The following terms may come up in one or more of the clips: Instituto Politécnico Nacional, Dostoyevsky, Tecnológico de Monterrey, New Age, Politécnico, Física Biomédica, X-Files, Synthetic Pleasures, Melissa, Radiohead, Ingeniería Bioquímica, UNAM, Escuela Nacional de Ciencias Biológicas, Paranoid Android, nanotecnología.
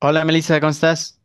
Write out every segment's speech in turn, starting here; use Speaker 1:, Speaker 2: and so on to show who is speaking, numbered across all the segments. Speaker 1: Hola, Melissa, ¿cómo estás?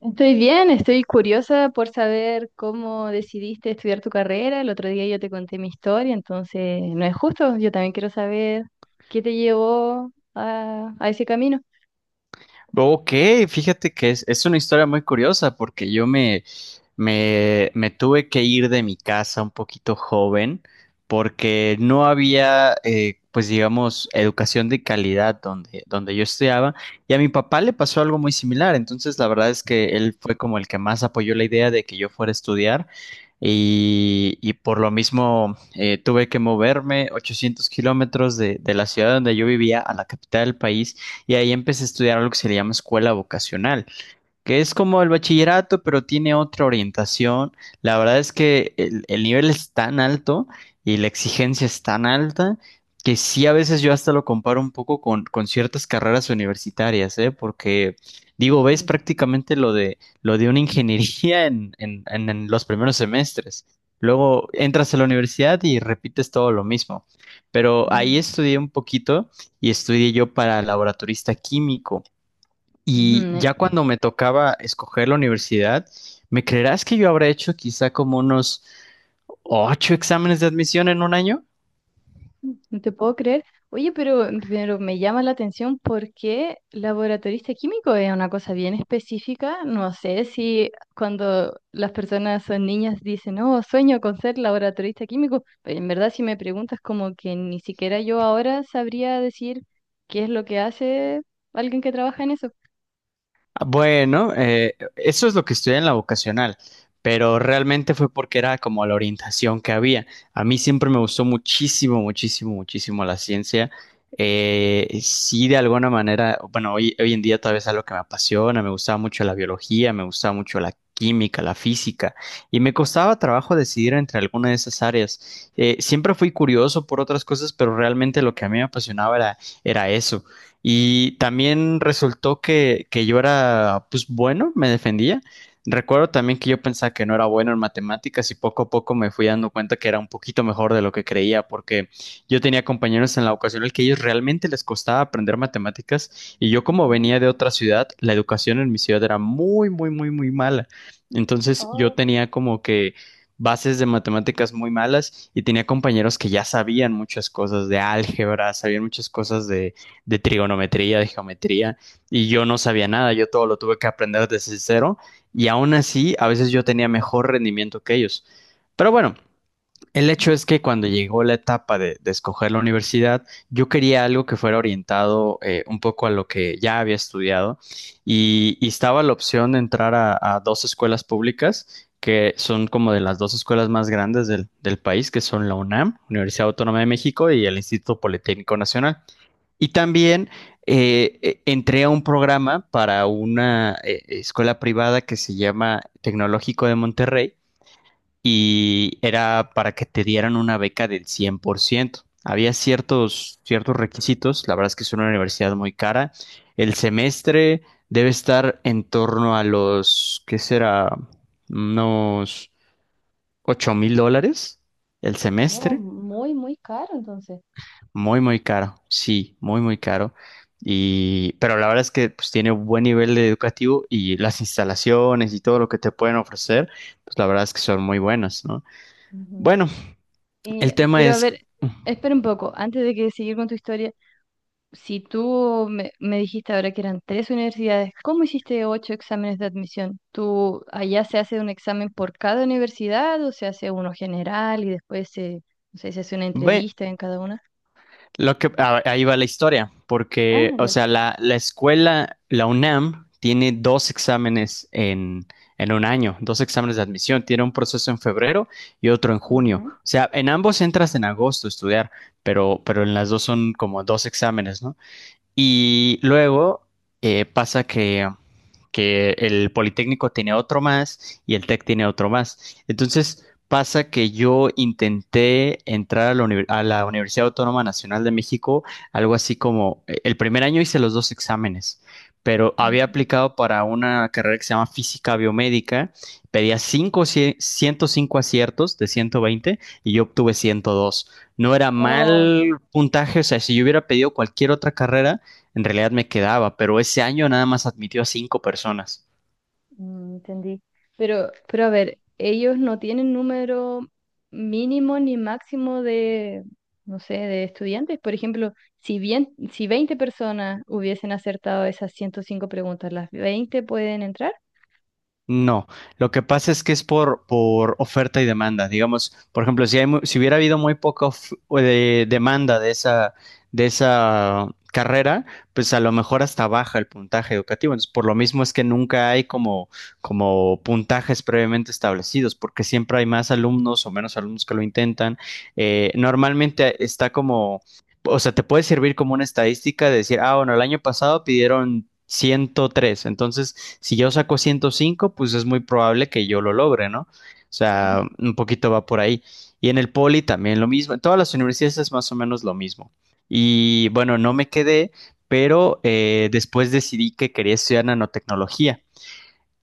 Speaker 2: Estoy bien, estoy curiosa por saber cómo decidiste estudiar tu carrera. El otro día yo te conté mi historia, entonces no es justo. Yo también quiero saber qué te llevó a ese camino.
Speaker 1: Ok, fíjate que es una historia muy curiosa porque yo me tuve que ir de mi casa un poquito joven porque no había, pues digamos, educación de calidad donde yo estudiaba. Y a mi papá le pasó algo muy similar, entonces la verdad es que él fue como el que más apoyó la idea de que yo fuera a estudiar. Y por lo mismo, tuve que moverme 800 kilómetros de la ciudad donde yo vivía a la capital del país. Y ahí empecé a estudiar lo que se le llama escuela vocacional, que es como el bachillerato, pero tiene otra orientación. La verdad es que el nivel es tan alto y la exigencia es tan alta que sí, a veces yo hasta lo comparo un poco con ciertas carreras universitarias, ¿eh? Porque digo, ves
Speaker 2: Ujú,
Speaker 1: prácticamente lo de una ingeniería en los primeros semestres. Luego entras a la universidad y repites todo lo mismo. Pero ahí estudié un poquito y estudié yo para laboratorista químico.
Speaker 2: ujú,
Speaker 1: Y ya
Speaker 2: ujú.
Speaker 1: cuando me tocaba escoger la universidad, ¿me creerás que yo habré hecho quizá como unos ocho exámenes de admisión en un año?
Speaker 2: No te puedo creer. Oye, pero me llama la atención porque laboratorista químico es una cosa bien específica. No sé si cuando las personas son niñas dicen, no, sueño con ser laboratorista químico, pero en verdad si me preguntas como que ni siquiera yo ahora sabría decir qué es lo que hace alguien que trabaja en eso.
Speaker 1: Bueno, eso es lo que estudié en la vocacional, pero realmente fue porque era como la orientación que había. A mí siempre me gustó muchísimo, muchísimo, muchísimo la ciencia. Sí, de alguna manera, bueno, hoy en día todavía es algo que me apasiona. Me gustaba mucho la biología, me gustaba mucho la química, la física, y me costaba trabajo decidir entre alguna de esas áreas. Siempre fui curioso por otras cosas, pero realmente lo que a mí me apasionaba era eso. Y también resultó que yo era, pues bueno, me defendía. Recuerdo también que yo pensaba que no era bueno en matemáticas y poco a poco me fui dando cuenta que era un poquito mejor de lo que creía, porque yo tenía compañeros en la ocasión el que ellos realmente les costaba aprender matemáticas, y yo como
Speaker 2: Ujú.
Speaker 1: venía de otra ciudad, la educación en mi ciudad era muy, muy, muy, muy mala. Entonces yo
Speaker 2: Oh,
Speaker 1: tenía como que bases de matemáticas muy malas, y tenía compañeros que ya sabían muchas cosas de álgebra, sabían muchas cosas de trigonometría, de geometría, y yo no sabía nada, yo todo lo tuve que aprender desde cero, y aún así a veces yo tenía mejor rendimiento que ellos. Pero bueno, el hecho
Speaker 2: ujú.
Speaker 1: es que cuando llegó la etapa de escoger la universidad, yo quería algo que fuera orientado, un poco a lo que ya había estudiado, y estaba la opción de entrar a dos escuelas públicas que son como de las dos escuelas más grandes del país, que son la UNAM, Universidad Autónoma de México, y el Instituto Politécnico Nacional. Y también entré a un programa para una escuela privada que se llama Tecnológico de Monterrey, y era para que te dieran una beca del 100%. Había ciertos requisitos. La verdad es que es una universidad muy cara. El semestre debe estar en torno a los, ¿qué será? Unos $8,000 el
Speaker 2: Oh,
Speaker 1: semestre.
Speaker 2: muy, muy caro entonces.
Speaker 1: Muy, muy caro, sí, muy, muy caro. Y, pero la verdad es que pues tiene un buen nivel de educativo, y las instalaciones y todo lo que te pueden ofrecer, pues la verdad es que son muy buenas, ¿no?
Speaker 2: Ujú.
Speaker 1: Bueno, el
Speaker 2: Y,
Speaker 1: tema
Speaker 2: pero a
Speaker 1: es
Speaker 2: ver, espera un poco, antes de que seguir con tu historia. Si tú me dijiste ahora que eran tres universidades, ¿cómo hiciste ocho exámenes de admisión? ¿Tú allá se hace un examen por cada universidad o se hace uno general y después no sé, se hace una
Speaker 1: ve-
Speaker 2: entrevista en cada una?
Speaker 1: lo que ahí va la historia,
Speaker 2: Ah,
Speaker 1: porque, o
Speaker 2: ya.
Speaker 1: sea, la escuela, la UNAM, tiene dos exámenes en un año, dos exámenes de admisión. Tiene un proceso en febrero y otro en junio.
Speaker 2: Ujú.
Speaker 1: O sea, en ambos entras en agosto a estudiar, pero en las dos son como dos exámenes, ¿no? Y luego pasa que el Politécnico tiene otro más y el TEC tiene otro más. Entonces pasa que yo intenté entrar a la a la Universidad Autónoma Nacional de México, algo así como, el primer año hice los dos exámenes, pero había
Speaker 2: Ujú.
Speaker 1: aplicado para una carrera que se llama Física Biomédica. Pedía cinco, 105 aciertos de 120, y yo obtuve 102. No era
Speaker 2: Oh.
Speaker 1: mal puntaje, o sea, si yo hubiera pedido cualquier otra carrera, en realidad me quedaba, pero ese año nada más admitió a cinco personas.
Speaker 2: Mm, entendí. Pero a ver, ellos no tienen número mínimo ni máximo de, no sé, de estudiantes. Por ejemplo, si bien, si 20 personas hubiesen acertado esas 105 preguntas, ¿las 20 pueden entrar?
Speaker 1: No, lo que pasa es que es por oferta y demanda. Digamos, por ejemplo, si hay, si hubiera habido muy poca o demanda de de esa carrera, pues a lo mejor hasta baja el puntaje educativo. Entonces, por lo mismo es que nunca hay como puntajes previamente establecidos, porque siempre hay más alumnos o menos alumnos que lo intentan. Normalmente está o sea, te puede servir como una estadística de decir, ah, bueno, el año pasado pidieron 103, entonces si yo saco 105, pues es muy probable que yo lo logre, ¿no? O sea,
Speaker 2: Ujú.
Speaker 1: un poquito va por ahí. Y en el poli también lo mismo. En todas las universidades es más o menos lo mismo. Y bueno, no me quedé, pero después decidí que quería estudiar nanotecnología.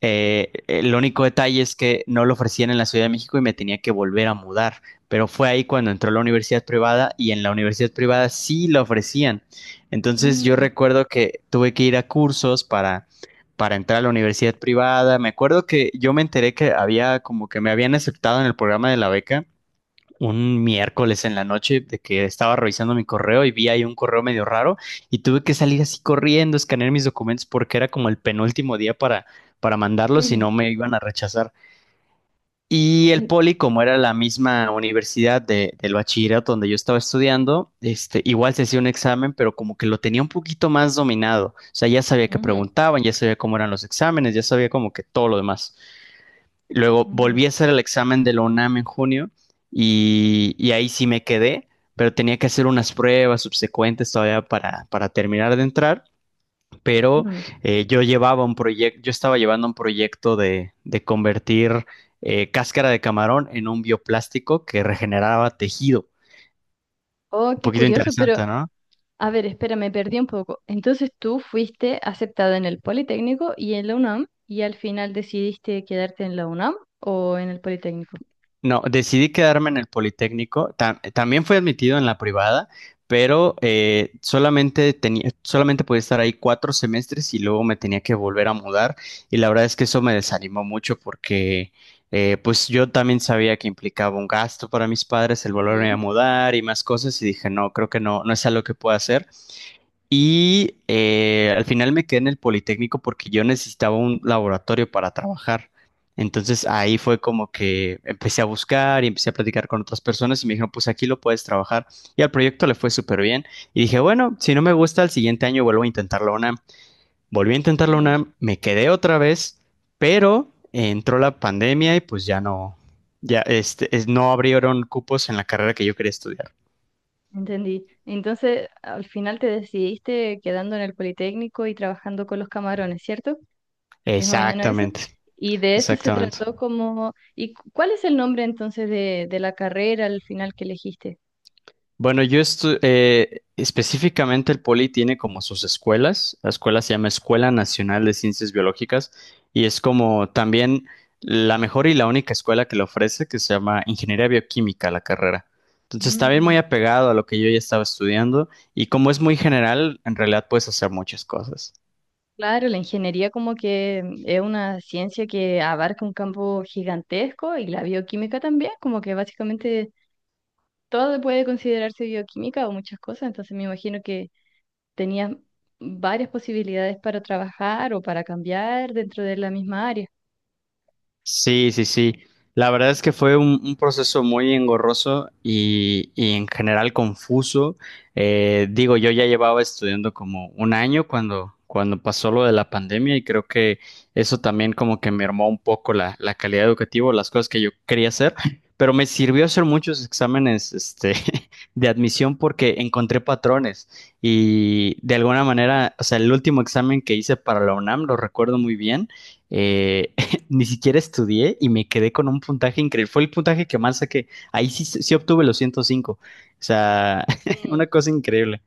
Speaker 1: El único detalle es que no lo ofrecían en la Ciudad de México y me tenía que volver a mudar, pero fue ahí cuando entró a la universidad privada, y en la universidad privada sí lo ofrecían. Entonces yo
Speaker 2: Mm.
Speaker 1: recuerdo que tuve que ir a cursos para entrar a la universidad privada. Me acuerdo que yo me enteré que había como que me habían aceptado en el programa de la beca un miércoles en la noche, de que estaba revisando mi correo y vi ahí un correo medio raro, y tuve que salir así corriendo, escanear mis documentos, porque era como el penúltimo día para mandarlos si
Speaker 2: Ujú.
Speaker 1: no me iban a rechazar. Y el
Speaker 2: En-
Speaker 1: poli, como era la misma universidad del bachillerato donde yo estaba estudiando, este, igual se hacía un examen, pero como que lo tenía un poquito más dominado. O sea, ya sabía que
Speaker 2: Ujú,
Speaker 1: preguntaban, ya sabía cómo eran los exámenes, ya sabía como que todo lo demás. Luego
Speaker 2: ujú.
Speaker 1: volví a hacer el examen de la UNAM en junio, y ahí sí me quedé, pero tenía que hacer unas pruebas subsecuentes todavía para terminar de entrar. Pero
Speaker 2: Mm.
Speaker 1: yo llevaba un proyecto, yo estaba llevando un proyecto de convertir, cáscara de camarón en un bioplástico que regeneraba tejido.
Speaker 2: Oh,
Speaker 1: Un
Speaker 2: qué
Speaker 1: poquito
Speaker 2: curioso, pero
Speaker 1: interesante, ¿no?
Speaker 2: a ver, espera, me perdí un poco. Entonces tú fuiste aceptada en el Politécnico y en la UNAM y al final decidiste quedarte en la UNAM o en el Politécnico.
Speaker 1: No, decidí quedarme en el Politécnico. También fui admitido en la privada, pero solamente tenía, solamente podía estar ahí cuatro semestres y luego me tenía que volver a mudar. Y la verdad es que eso me desanimó mucho porque, pues yo también sabía que implicaba un gasto para mis padres el volverme a
Speaker 2: Ujú,
Speaker 1: mudar y más cosas, y dije, no, creo que no es algo que pueda hacer. Y al final me quedé en el Politécnico porque yo necesitaba un laboratorio para trabajar. Entonces ahí fue como que empecé a buscar y empecé a platicar con otras personas y me dijeron, pues aquí lo puedes trabajar. Y al proyecto le fue súper bien. Y dije, bueno, si no me gusta, el siguiente año vuelvo a intentar la UNAM. Volví a intentar la
Speaker 2: ujú.
Speaker 1: UNAM, me quedé otra vez, pero entró la pandemia y pues ya no, ya este, no abrieron cupos en la carrera que yo quería estudiar.
Speaker 2: Entendí. Entonces, al final te decidiste quedando en el Politécnico y trabajando con los camarones, ¿cierto? Es más o menos eso.
Speaker 1: Exactamente,
Speaker 2: Y de eso se
Speaker 1: exactamente.
Speaker 2: trató como… ¿Y cuál es el nombre entonces de la carrera al final que elegiste?
Speaker 1: Bueno, yo específicamente el Poli tiene como sus escuelas. La escuela se llama Escuela Nacional de Ciencias Biológicas, y es como también la mejor y la única escuela que le ofrece, que se llama Ingeniería Bioquímica, la carrera. Entonces, también
Speaker 2: Mm,
Speaker 1: muy apegado a lo que yo ya estaba estudiando, y como es muy general, en realidad puedes hacer muchas cosas.
Speaker 2: claro, la ingeniería como que es una ciencia que abarca un campo gigantesco y la bioquímica también, como que básicamente todo puede considerarse bioquímica o muchas cosas, entonces me imagino que tenías varias posibilidades para trabajar o para cambiar dentro de la misma área.
Speaker 1: Sí, sí, sí. La verdad es que fue un proceso muy engorroso y en general confuso. Digo, yo ya llevaba estudiando como un año cuando pasó lo de la pandemia, y creo que eso también como que mermó un poco la calidad educativa, las cosas que yo quería hacer, pero me sirvió hacer muchos exámenes, este, de admisión, porque encontré patrones y de alguna manera, o sea, el último examen que hice para la UNAM, lo recuerdo muy bien. Eh, Ni siquiera estudié y me quedé con un puntaje increíble. Fue el puntaje que más saqué. Ahí sí, sí obtuve los 105. O sea,
Speaker 2: Mm,
Speaker 1: una cosa increíble.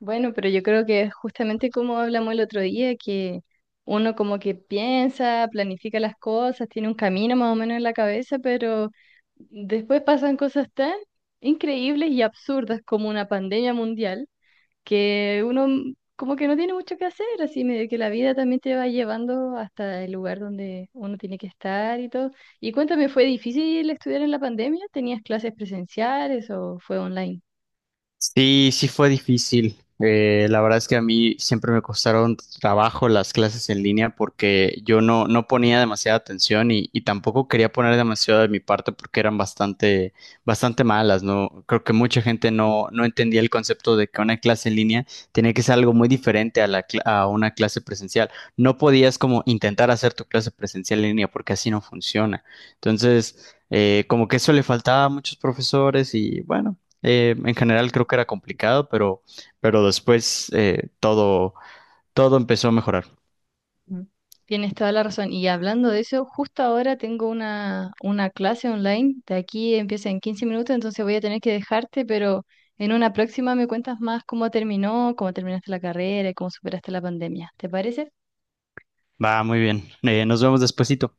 Speaker 2: bueno, pero yo creo que justamente como hablamos el otro día, que uno como que piensa, planifica las cosas, tiene un camino más o menos en la cabeza, pero después pasan cosas tan increíbles y absurdas como una pandemia mundial que uno como que no tiene mucho que hacer, así medio que la vida también te va llevando hasta el lugar donde uno tiene que estar y todo. Y cuéntame, ¿fue difícil estudiar en la pandemia? ¿Tenías clases presenciales o fue online?
Speaker 1: Sí, sí fue difícil. La verdad es que a mí siempre me costaron trabajo las clases en línea porque yo no ponía demasiada atención, y tampoco quería poner demasiado de mi parte porque eran bastante, bastante malas, ¿no? Creo que mucha gente no entendía el concepto de que una clase en línea tenía que ser algo muy diferente a la, a una clase presencial. No podías como intentar hacer tu clase presencial en línea porque así no funciona. Entonces como que eso le faltaba a muchos profesores y bueno, en general creo que era complicado, pero después, todo, todo empezó a mejorar.
Speaker 2: Mm. Tienes toda la razón. Y hablando de eso, justo ahora tengo una clase online. De aquí empieza en 15 minutos, entonces voy a tener que dejarte, pero en una próxima me cuentas más cómo terminó, cómo terminaste la carrera y cómo superaste la pandemia. ¿Te parece?
Speaker 1: Va, muy bien. Nos vemos despuesito.